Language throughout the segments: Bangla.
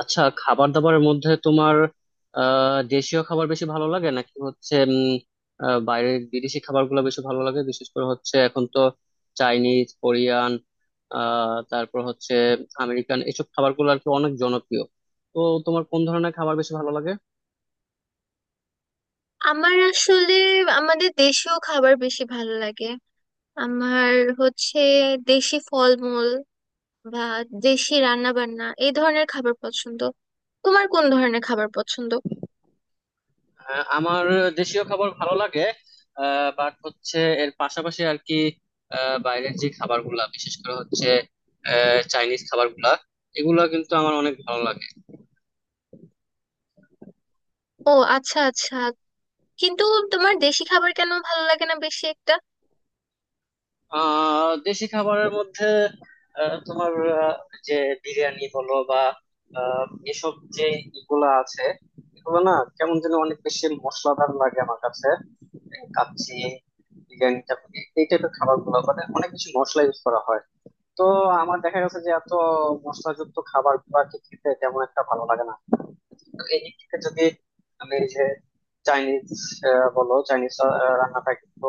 আচ্ছা, খাবার দাবারের মধ্যে তোমার দেশীয় খাবার বেশি ভালো লাগে নাকি বাইরের বিদেশি খাবারগুলো বেশি ভালো লাগে? বিশেষ করে হচ্ছে এখন তো চাইনিজ, কোরিয়ান, তারপর হচ্ছে আমেরিকান এসব খাবারগুলো আর কি অনেক জনপ্রিয়। তো তোমার কোন ধরনের খাবার বেশি ভালো লাগে? আমার আসলে আমাদের দেশীয় খাবার বেশি ভালো লাগে। আমার হচ্ছে দেশি ফলমূল বা দেশি রান্না বান্না, এই ধরনের খাবার পছন্দ। তোমার কোন ধরনের খাবার পছন্দ? আমার দেশীয় খাবার ভালো লাগে, বাট হচ্ছে এর পাশাপাশি আর কি বাইরের যে খাবারগুলা, বিশেষ করে হচ্ছে চাইনিজ খাবারগুলা, এগুলা কিন্তু আমার অনেক ভালো লাগে। ও আচ্ছা আচ্ছা, কিন্তু তোমার দেশি খাবার কেন ভালো লাগে না বেশি একটা? দেশি খাবারের মধ্যে আহ, তোমার আহ, যে বিরিয়ানি বলো বা আহ, এসব যে ইগুলা আছে, এগুলো না কেমন যেন অনেক বেশি মশলাদার লাগে আমার কাছে। এই কাচ্চি বিরিয়ানি এই টাইপের খাবার গুলো মানে অনেক বেশি মশলা ইউজ করা হয়। তো আমার দেখা গেছে যে এত মশলাযুক্ত খাবার গুলা খেতে তেমন একটা ভালো লাগে না। তো এই দিক থেকে যদি আমি এই যে চাইনিজ বলো, চাইনিজ রান্নাটা কিন্তু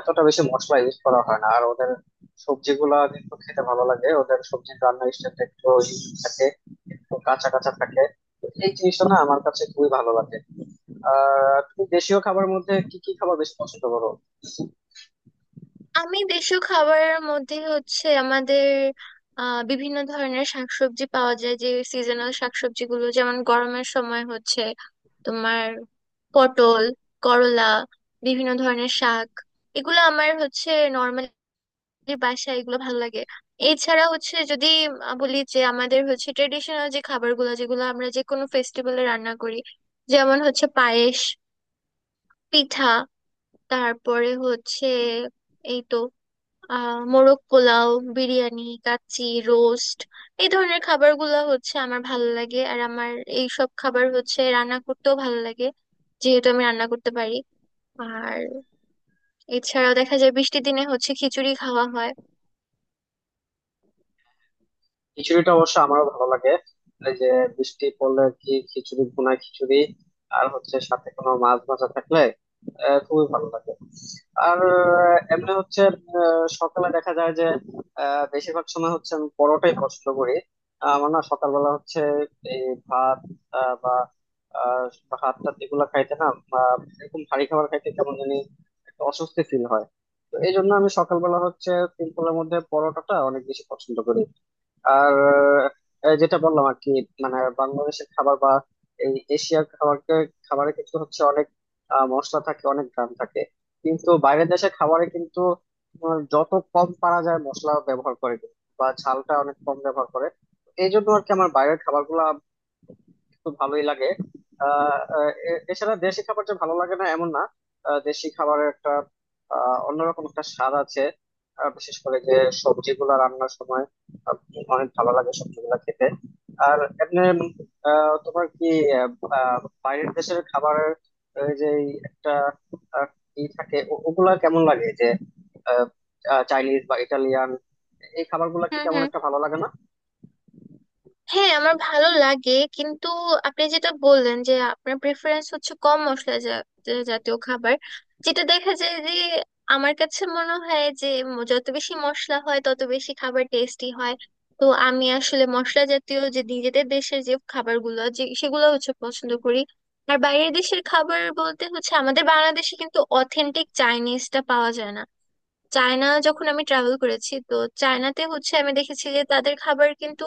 এতটা বেশি মশলা ইউজ করা হয় না, আর ওদের সবজিগুলা কিন্তু খেতে ভালো লাগে। ওদের সবজির রান্নার স্টাইলটা একটু ইউনিক থাকে, একটু কাঁচা কাঁচা থাকে। তো এই জিনিসটা না আমার কাছে খুবই ভালো লাগে। আর তুমি দেশীয় খাবারের মধ্যে কি কি খাবার বেশি পছন্দ করো? আমি দেশীয় খাবারের মধ্যে হচ্ছে আমাদের বিভিন্ন ধরনের শাকসবজি পাওয়া যায়, যে সিজনাল শাকসবজিগুলো, যেমন গরমের সময় হচ্ছে তোমার পটল, করলা, বিভিন্ন ধরনের শাক, এগুলো আমার হচ্ছে নর্মালি বাসায় এগুলো ভালো লাগে। এছাড়া হচ্ছে যদি বলি, যে আমাদের হচ্ছে ট্রেডিশনাল যে খাবারগুলো, যেগুলো আমরা যে কোনো ফেস্টিভ্যালে রান্না করি, যেমন হচ্ছে পায়েস, পিঠা, তারপরে হচ্ছে এই তো মোরগ পোলাও, বিরিয়ানি, কাচ্চি, রোস্ট, এই ধরনের খাবারগুলো হচ্ছে আমার ভালো লাগে, আর আমার এই সব খাবার হচ্ছে রান্না করতেও ভালো লাগে, যেহেতু আমি রান্না করতে পারি। আর এছাড়াও দেখা যায় বৃষ্টির দিনে হচ্ছে খিচুড়ি খাওয়া হয়। খিচুড়িটা অবশ্য আমারও ভালো লাগে। এই যে বৃষ্টি পড়লে আর কি খিচুড়ি, ভুনা খিচুড়ি, আর হচ্ছে সাথে কোনো মাছ ভাজা থাকলে খুবই ভালো লাগে। আর এমনি হচ্ছে সকালে দেখা যায় যে বেশিরভাগ সময় হচ্ছে আমি পরোটাই পছন্দ করি। আমার না সকালবেলা হচ্ছে এই ভাত আহ, বা আহ, ভাত টাত এগুলো খাইতে না, বা এরকম ভারী খাবার খাইতে কেমন জানি একটা অস্বস্তি ফিল হয়। তো এই জন্য আমি সকালবেলা হচ্ছে সিম্পলের মধ্যে পরোটাটা অনেক বেশি পছন্দ করি। আর যেটা বললাম আর কি, মানে বাংলাদেশের খাবার বা এই এশিয়ার খাবারে কিন্তু হচ্ছে অনেক মশলা থাকে, অনেক গ্রাম থাকে। কিন্তু বাইরের দেশের খাবারে কিন্তু তোমার যত কম পারা যায় মশলা ব্যবহার করে কিন্তু, বা ঝালটা অনেক কম ব্যবহার করে। এই জন্য আর কি আমার বাইরের খাবারগুলো তো ভালোই লাগে। আহ আহ, এ- এছাড়া দেশি খাবার যে ভালো লাগে না এমন না। দেশি খাবারের একটা অন্যরকম একটা স্বাদ আছে। বিশেষ করে যে সবজিগুলো রান্নার সময় আহ, অনেক ভালো লাগে সবজিগুলো খেতে। আর এমনি আহ, তোমার কি আহ, আহ, বাইরের দেশের খাবারের যে এই একটা আহ, ই থাকে, ওগুলা কেমন লাগে? যে আহ, আহ, চাইনিজ বা ইটালিয়ান এই খাবারগুলা কি হুম তেমন হুম। একটা ভালো লাগে না? হ্যাঁ, আমার ভালো লাগে, কিন্তু আপনি যেটা বললেন যে আপনার প্রেফারেন্স হচ্ছে কম মশলা জা- জা- জাতীয় খাবার, যেটা দেখা যায় যে আমার কাছে মনে হয় যে যত বেশি মশলা হয় তত বেশি খাবার টেস্টি হয়। তো আমি আসলে মশলা জাতীয় যে নিজেদের দেশের যে খাবারগুলো, যে সেগুলো হচ্ছে পছন্দ করি। আর বাইরের দেশের খাবার বলতে হচ্ছে, আমাদের বাংলাদেশে কিন্তু অথেন্টিক চাইনিজটা পাওয়া যায় না। চায়না যখন আমি ট্রাভেল করেছি, তো চায়নাতে হচ্ছে আমি দেখেছি যে তাদের খাবার কিন্তু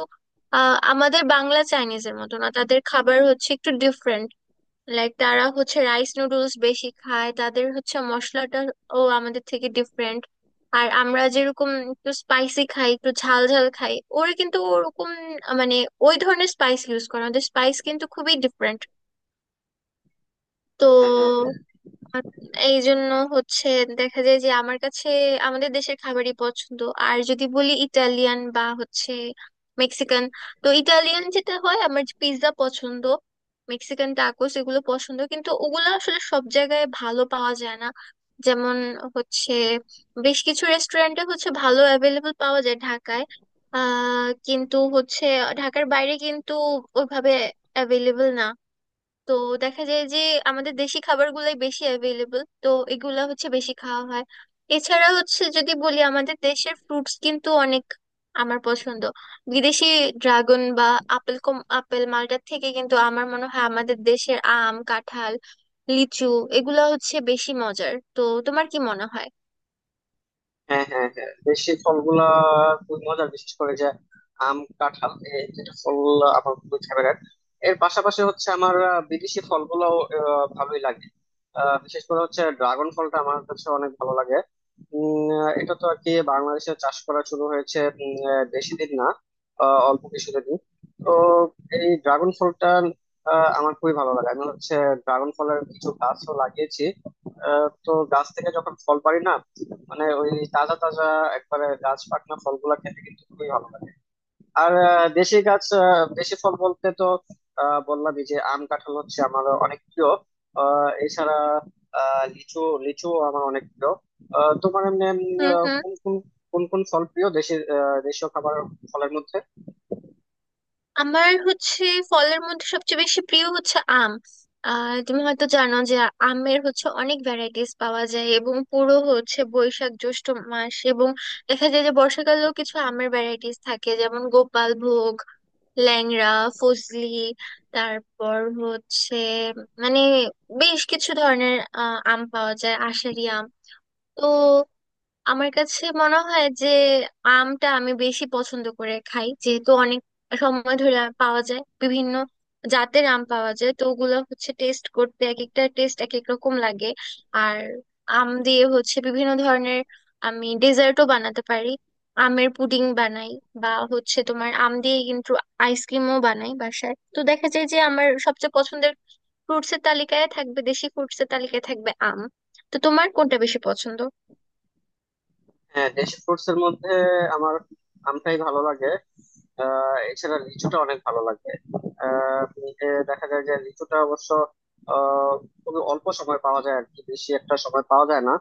আমাদের বাংলা চাইনিজের মতো না, তাদের খাবার হচ্ছে একটু ডিফারেন্ট। লাইক, তারা হচ্ছে রাইস নুডলস বেশি খায়, তাদের হচ্ছে মশলাটা ও আমাদের থেকে ডিফারেন্ট। আর আমরা যেরকম একটু স্পাইসি খাই, একটু ঝাল ঝাল খাই, ওরা কিন্তু ওরকম মানে ওই ধরনের স্পাইস ইউজ করে, আমাদের স্পাইস কিন্তু খুবই ডিফারেন্ট। হ্যাঁ তো হ্যাঁ আর এই জন্য হচ্ছে দেখা যায় যে আমার কাছে আমাদের দেশের খাবারই পছন্দ। আর যদি বলি ইটালিয়ান বা হচ্ছে মেক্সিকান, তো ইটালিয়ান যেটা হয় আমার পিৎজা পছন্দ, মেক্সিকান টাকোস এগুলো পছন্দ, কিন্তু ওগুলো আসলে সব জায়গায় ভালো পাওয়া যায় না। যেমন হচ্ছে বেশ কিছু রেস্টুরেন্টে হচ্ছে ভালো অ্যাভেলেবল পাওয়া যায় ঢাকায়। কিন্তু হচ্ছে ঢাকার বাইরে কিন্তু ওইভাবে অ্যাভেলেবল না। তো দেখা যায় যে আমাদের দেশি খাবারগুলাই বেশি অ্যাভেলেবল, তো এগুলা হচ্ছে বেশি খাওয়া হয়। এছাড়া হচ্ছে যদি বলি, আমাদের দেশের ফ্রুটস কিন্তু অনেক আমার পছন্দ। বিদেশি ড্রাগন বা আপেল, কম আপেল মালটার থেকে কিন্তু আমার মনে হয় আমাদের দেশের আম, কাঁঠাল, লিচু এগুলা হচ্ছে বেশি মজার। তো তোমার কি মনে হয়? হ্যাঁ, হ্যাঁ, হ্যাঁ, দেশি ফলগুলা খুবই মজার। বিশেষ করে যে আম, কাঁঠাল এই দুটো ফল আমার খুবই ফেভারিট। এর পাশাপাশি হচ্ছে আমার বিদেশি ফলগুলোও ভালোই লাগে। বিশেষ করে হচ্ছে ড্রাগন ফলটা আমার কাছে অনেক ভালো লাগে। এটা তো আর কি বাংলাদেশে চাষ করা শুরু হয়েছে বেশি দিন না, অল্প কিছুদিন। তো এই ড্রাগন ফলটা আমার খুবই ভালো লাগে। আমি হচ্ছে ড্রাগন ফলের কিছু গাছও লাগিয়েছি। তো গাছ থেকে যখন ফল পারি না, মানে ওই তাজা তাজা একবারে গাছ পাকনা ফলগুলা খেতে কিন্তু খুবই ভালো লাগে। আর আহ, দেশি গাছ আহ, দেশি ফল বলতে তো বললামই যে আম কাঁঠাল হচ্ছে আমার অনেক প্রিয়। আহ, এছাড়া লিচু, লিচু আমার অনেক প্রিয়। তোমার এমনি এমনি, হুম আহ, হুম। কোন কোন কোন কোন ফল প্রিয়, দেশি দেশীয় খাবার ফলের মধ্যে? আমার হচ্ছে ফলের মধ্যে সবচেয়ে বেশি প্রিয় হচ্ছে আম। তুমি হয়তো জানো যে আমের হচ্ছে অনেক ভ্যারাইটিস পাওয়া যায়, এবং পুরো হচ্ছে বৈশাখ জ্যৈষ্ঠ মাস, এবং দেখা যায় যে বর্ষাকালেও কিছু আমের ভ্যারাইটিস থাকে, যেমন গোপাল ভোগ, ল্যাংড়া, ফজলি, তারপর হচ্ছে মানে বেশ কিছু ধরনের আম পাওয়া যায়, আষাঢ়ি আম। তো আমার কাছে মনে হয় যে আমটা আমি বেশি পছন্দ করে খাই, যেহেতু অনেক সময় ধরে আম পাওয়া যায়, বিভিন্ন জাতের আম পাওয়া যায়, তো ওগুলো হচ্ছে টেস্ট করতে এক একটা টেস্ট এক এক রকম লাগে। আর আম দিয়ে হচ্ছে বিভিন্ন ধরনের আমি ডেজার্টও বানাতে পারি, আমের পুডিং বানাই, বা হচ্ছে তোমার আম দিয়ে কিন্তু আইসক্রিমও বানাই বাসায়। তো দেখা যায় যে আমার সবচেয়ে পছন্দের ফ্রুটসের তালিকায় থাকবে, দেশি ফ্রুটসের তালিকায় থাকবে আম। তো তোমার কোনটা বেশি পছন্দ? হ্যাঁ, দেশি ফ্রুটস এর মধ্যে আমার আমটাই ভালো লাগে। এছাড়া লিচুটা অনেক ভালো লাগবে। এ দেখা যায় যে লিচুটা অবশ্য আহ খুবই অল্প সময় পাওয়া যায় আর কি, বেশি একটা সময় পাওয়া যায় না।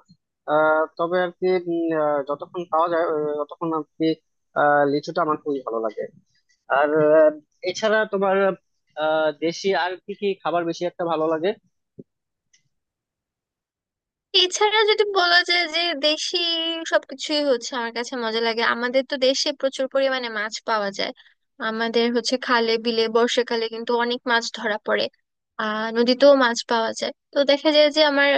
তবে আর কি যতক্ষণ পাওয়া যায় ততক্ষণ আর কি লিচুটা আমার খুবই ভালো লাগে। আর এছাড়া তোমার দেশি আর কি কি খাবার বেশি একটা ভালো লাগে? এছাড়া যদি বলা যায় যে দেশি সবকিছুই হচ্ছে আমার কাছে মজা লাগে। আমাদের তো দেশে প্রচুর পরিমাণে মাছ পাওয়া যায়, আমাদের হচ্ছে খালে বিলে বর্ষাকালে কিন্তু অনেক মাছ ধরা পড়ে। নদীতেও মাছ পাওয়া যায়। তো দেখা যায় যে আমার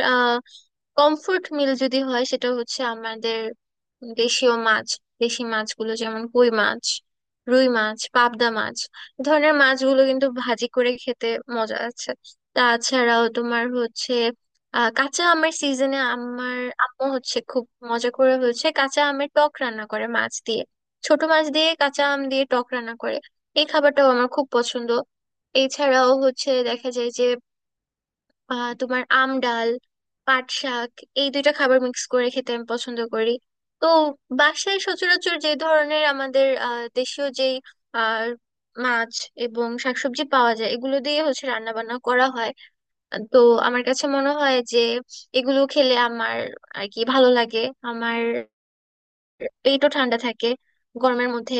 কমফোর্ট মিল যদি হয়, সেটা হচ্ছে আমাদের দেশীয় মাছ, দেশি মাছগুলো, যেমন কই মাছ, রুই মাছ, পাবদা মাছ, এ ধরনের মাছগুলো কিন্তু ভাজি করে খেতে মজা আছে। তাছাড়াও তোমার হচ্ছে কাঁচা আমের সিজনে আমার আম্মু হচ্ছে খুব মজা করে হচ্ছে কাঁচা আমের টক রান্না করে মাছ দিয়ে, ছোট মাছ দিয়ে, কাঁচা আম দিয়ে টক রান্না করে। এই খাবারটাও আমার খুব পছন্দ। এছাড়াও হচ্ছে দেখা যায় যে তোমার আম ডাল, পাট শাক, এই দুইটা খাবার মিক্স করে খেতে আমি পছন্দ করি। তো বাসায় সচরাচর যে ধরনের আমাদের দেশীয় যেই আহ মাছ এবং শাকসবজি পাওয়া যায়, এগুলো দিয়ে হচ্ছে রান্না বান্না করা হয়। তো আমার কাছে মনে হয় যে এগুলো খেলে আমার আর কি ভালো লাগে, আমার পেটও ঠান্ডা থাকে গরমের মধ্যে।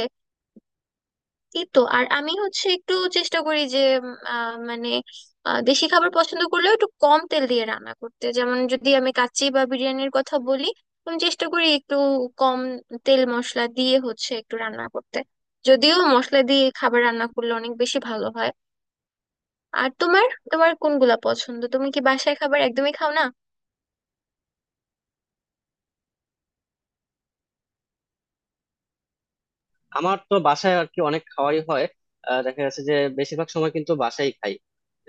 এই তো। আর আমি হচ্ছে একটু চেষ্টা করি যে মানে দেশি খাবার পছন্দ করলেও একটু কম তেল দিয়ে রান্না করতে। যেমন যদি আমি কাচ্চি বা বিরিয়ানির কথা বলি, আমি চেষ্টা করি একটু কম তেল মশলা দিয়ে হচ্ছে একটু রান্না করতে, যদিও মশলা দিয়ে খাবার রান্না করলে অনেক বেশি ভালো হয়। আর তোমার তোমার কোনগুলা পছন্দ? তুমি কি বাসায় খাবার একদমই খাও না? আমার তো বাসায় আর কি অনেক খাওয়াই হয়। দেখা যাচ্ছে যে বেশিরভাগ সময় কিন্তু বাসায় খাই।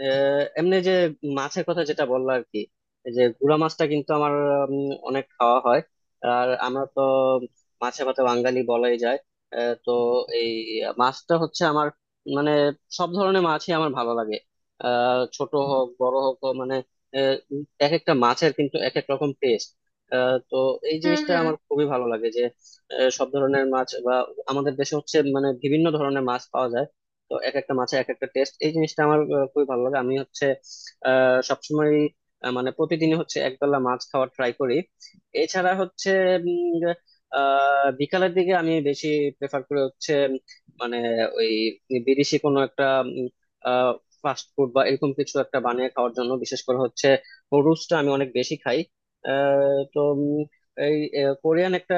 এমনি যে মাছের কথা যেটা বললো আর কি, এই যে গুড়া মাছটা কিন্তু আমার অনেক খাওয়া হয়। আর আমরা তো মাছে ভাতে বাঙালি বলাই যায়। তো এই মাছটা হচ্ছে আমার মানে সব ধরনের মাছই আমার ভালো লাগে। ছোট হোক বড় হোক, ও মানে আহ, এক একটা মাছের কিন্তু এক এক রকম টেস্ট। তো এই হুম জিনিসটা হুম। আমার খুবই ভালো লাগে যে সব ধরনের মাছ বা আমাদের দেশে হচ্ছে মানে বিভিন্ন ধরনের মাছ পাওয়া যায়। তো এক একটা মাছে এক একটা টেস্ট, এই জিনিসটা আমার খুবই ভালো লাগে। আমি হচ্ছে সবসময় মানে প্রতিদিনই হচ্ছে একবেলা মাছ খাওয়ার ট্রাই করি। এছাড়া হচ্ছে উম, যে, আহ বিকালের দিকে আমি বেশি প্রেফার করি হচ্ছে মানে ওই বিদেশি কোনো একটা ফাস্ট ফুড বা এরকম কিছু একটা বানিয়ে খাওয়ার জন্য। বিশেষ করে হচ্ছে রুস্টটা আমি অনেক বেশি খাই। তো এই কোরিয়ান একটা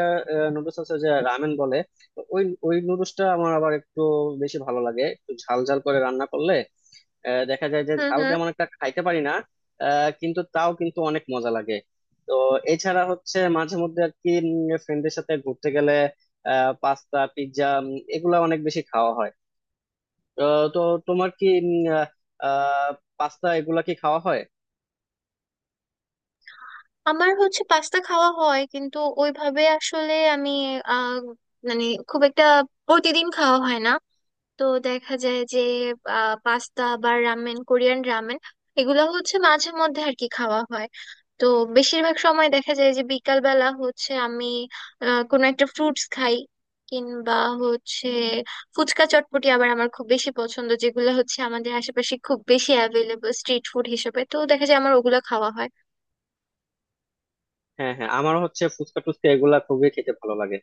নুডলস আছে যে রামেন বলে। তো ওই ওই নুডলসটা আমার আবার একটু বেশি ভালো লাগে একটু ঝাল ঝাল করে রান্না করলে। দেখা যায় যে হুম ঝাল হুম। তেমন একটা খাইতে পারি না, কিন্তু তাও কিন্তু অনেক মজা লাগে। তো এছাড়া হচ্ছে মাঝে মধ্যে আর কি ফ্রেন্ডের সাথে ঘুরতে গেলে পাস্তা, পিৎজা এগুলা অনেক বেশি খাওয়া হয়। তো তো তোমার কি পাস্তা এগুলা কি খাওয়া হয়? আমার হচ্ছে পাস্তা খাওয়া হয়, কিন্তু ওইভাবে আসলে আমি আহ মানে খুব একটা প্রতিদিন খাওয়া হয় না। তো দেখা যায় যে পাস্তা বা রামেন, কোরিয়ান রামেন, এগুলো হচ্ছে মাঝে মধ্যে আর কি খাওয়া হয়। তো বেশিরভাগ সময় দেখা যায় যে বিকাল বেলা হচ্ছে আমি কোনো একটা ফ্রুটস খাই, কিংবা হচ্ছে ফুচকা চটপটি আবার আমার খুব বেশি পছন্দ, যেগুলো হচ্ছে আমাদের আশেপাশে খুব বেশি অ্যাভেলেবল স্ট্রিট ফুড হিসেবে। তো দেখা যায় আমার ওগুলো খাওয়া হয়। হ্যাঁ, হ্যাঁ, আমার হচ্ছে ফুচকা টুচকা এগুলা খুবই খেতে ভালো লাগে।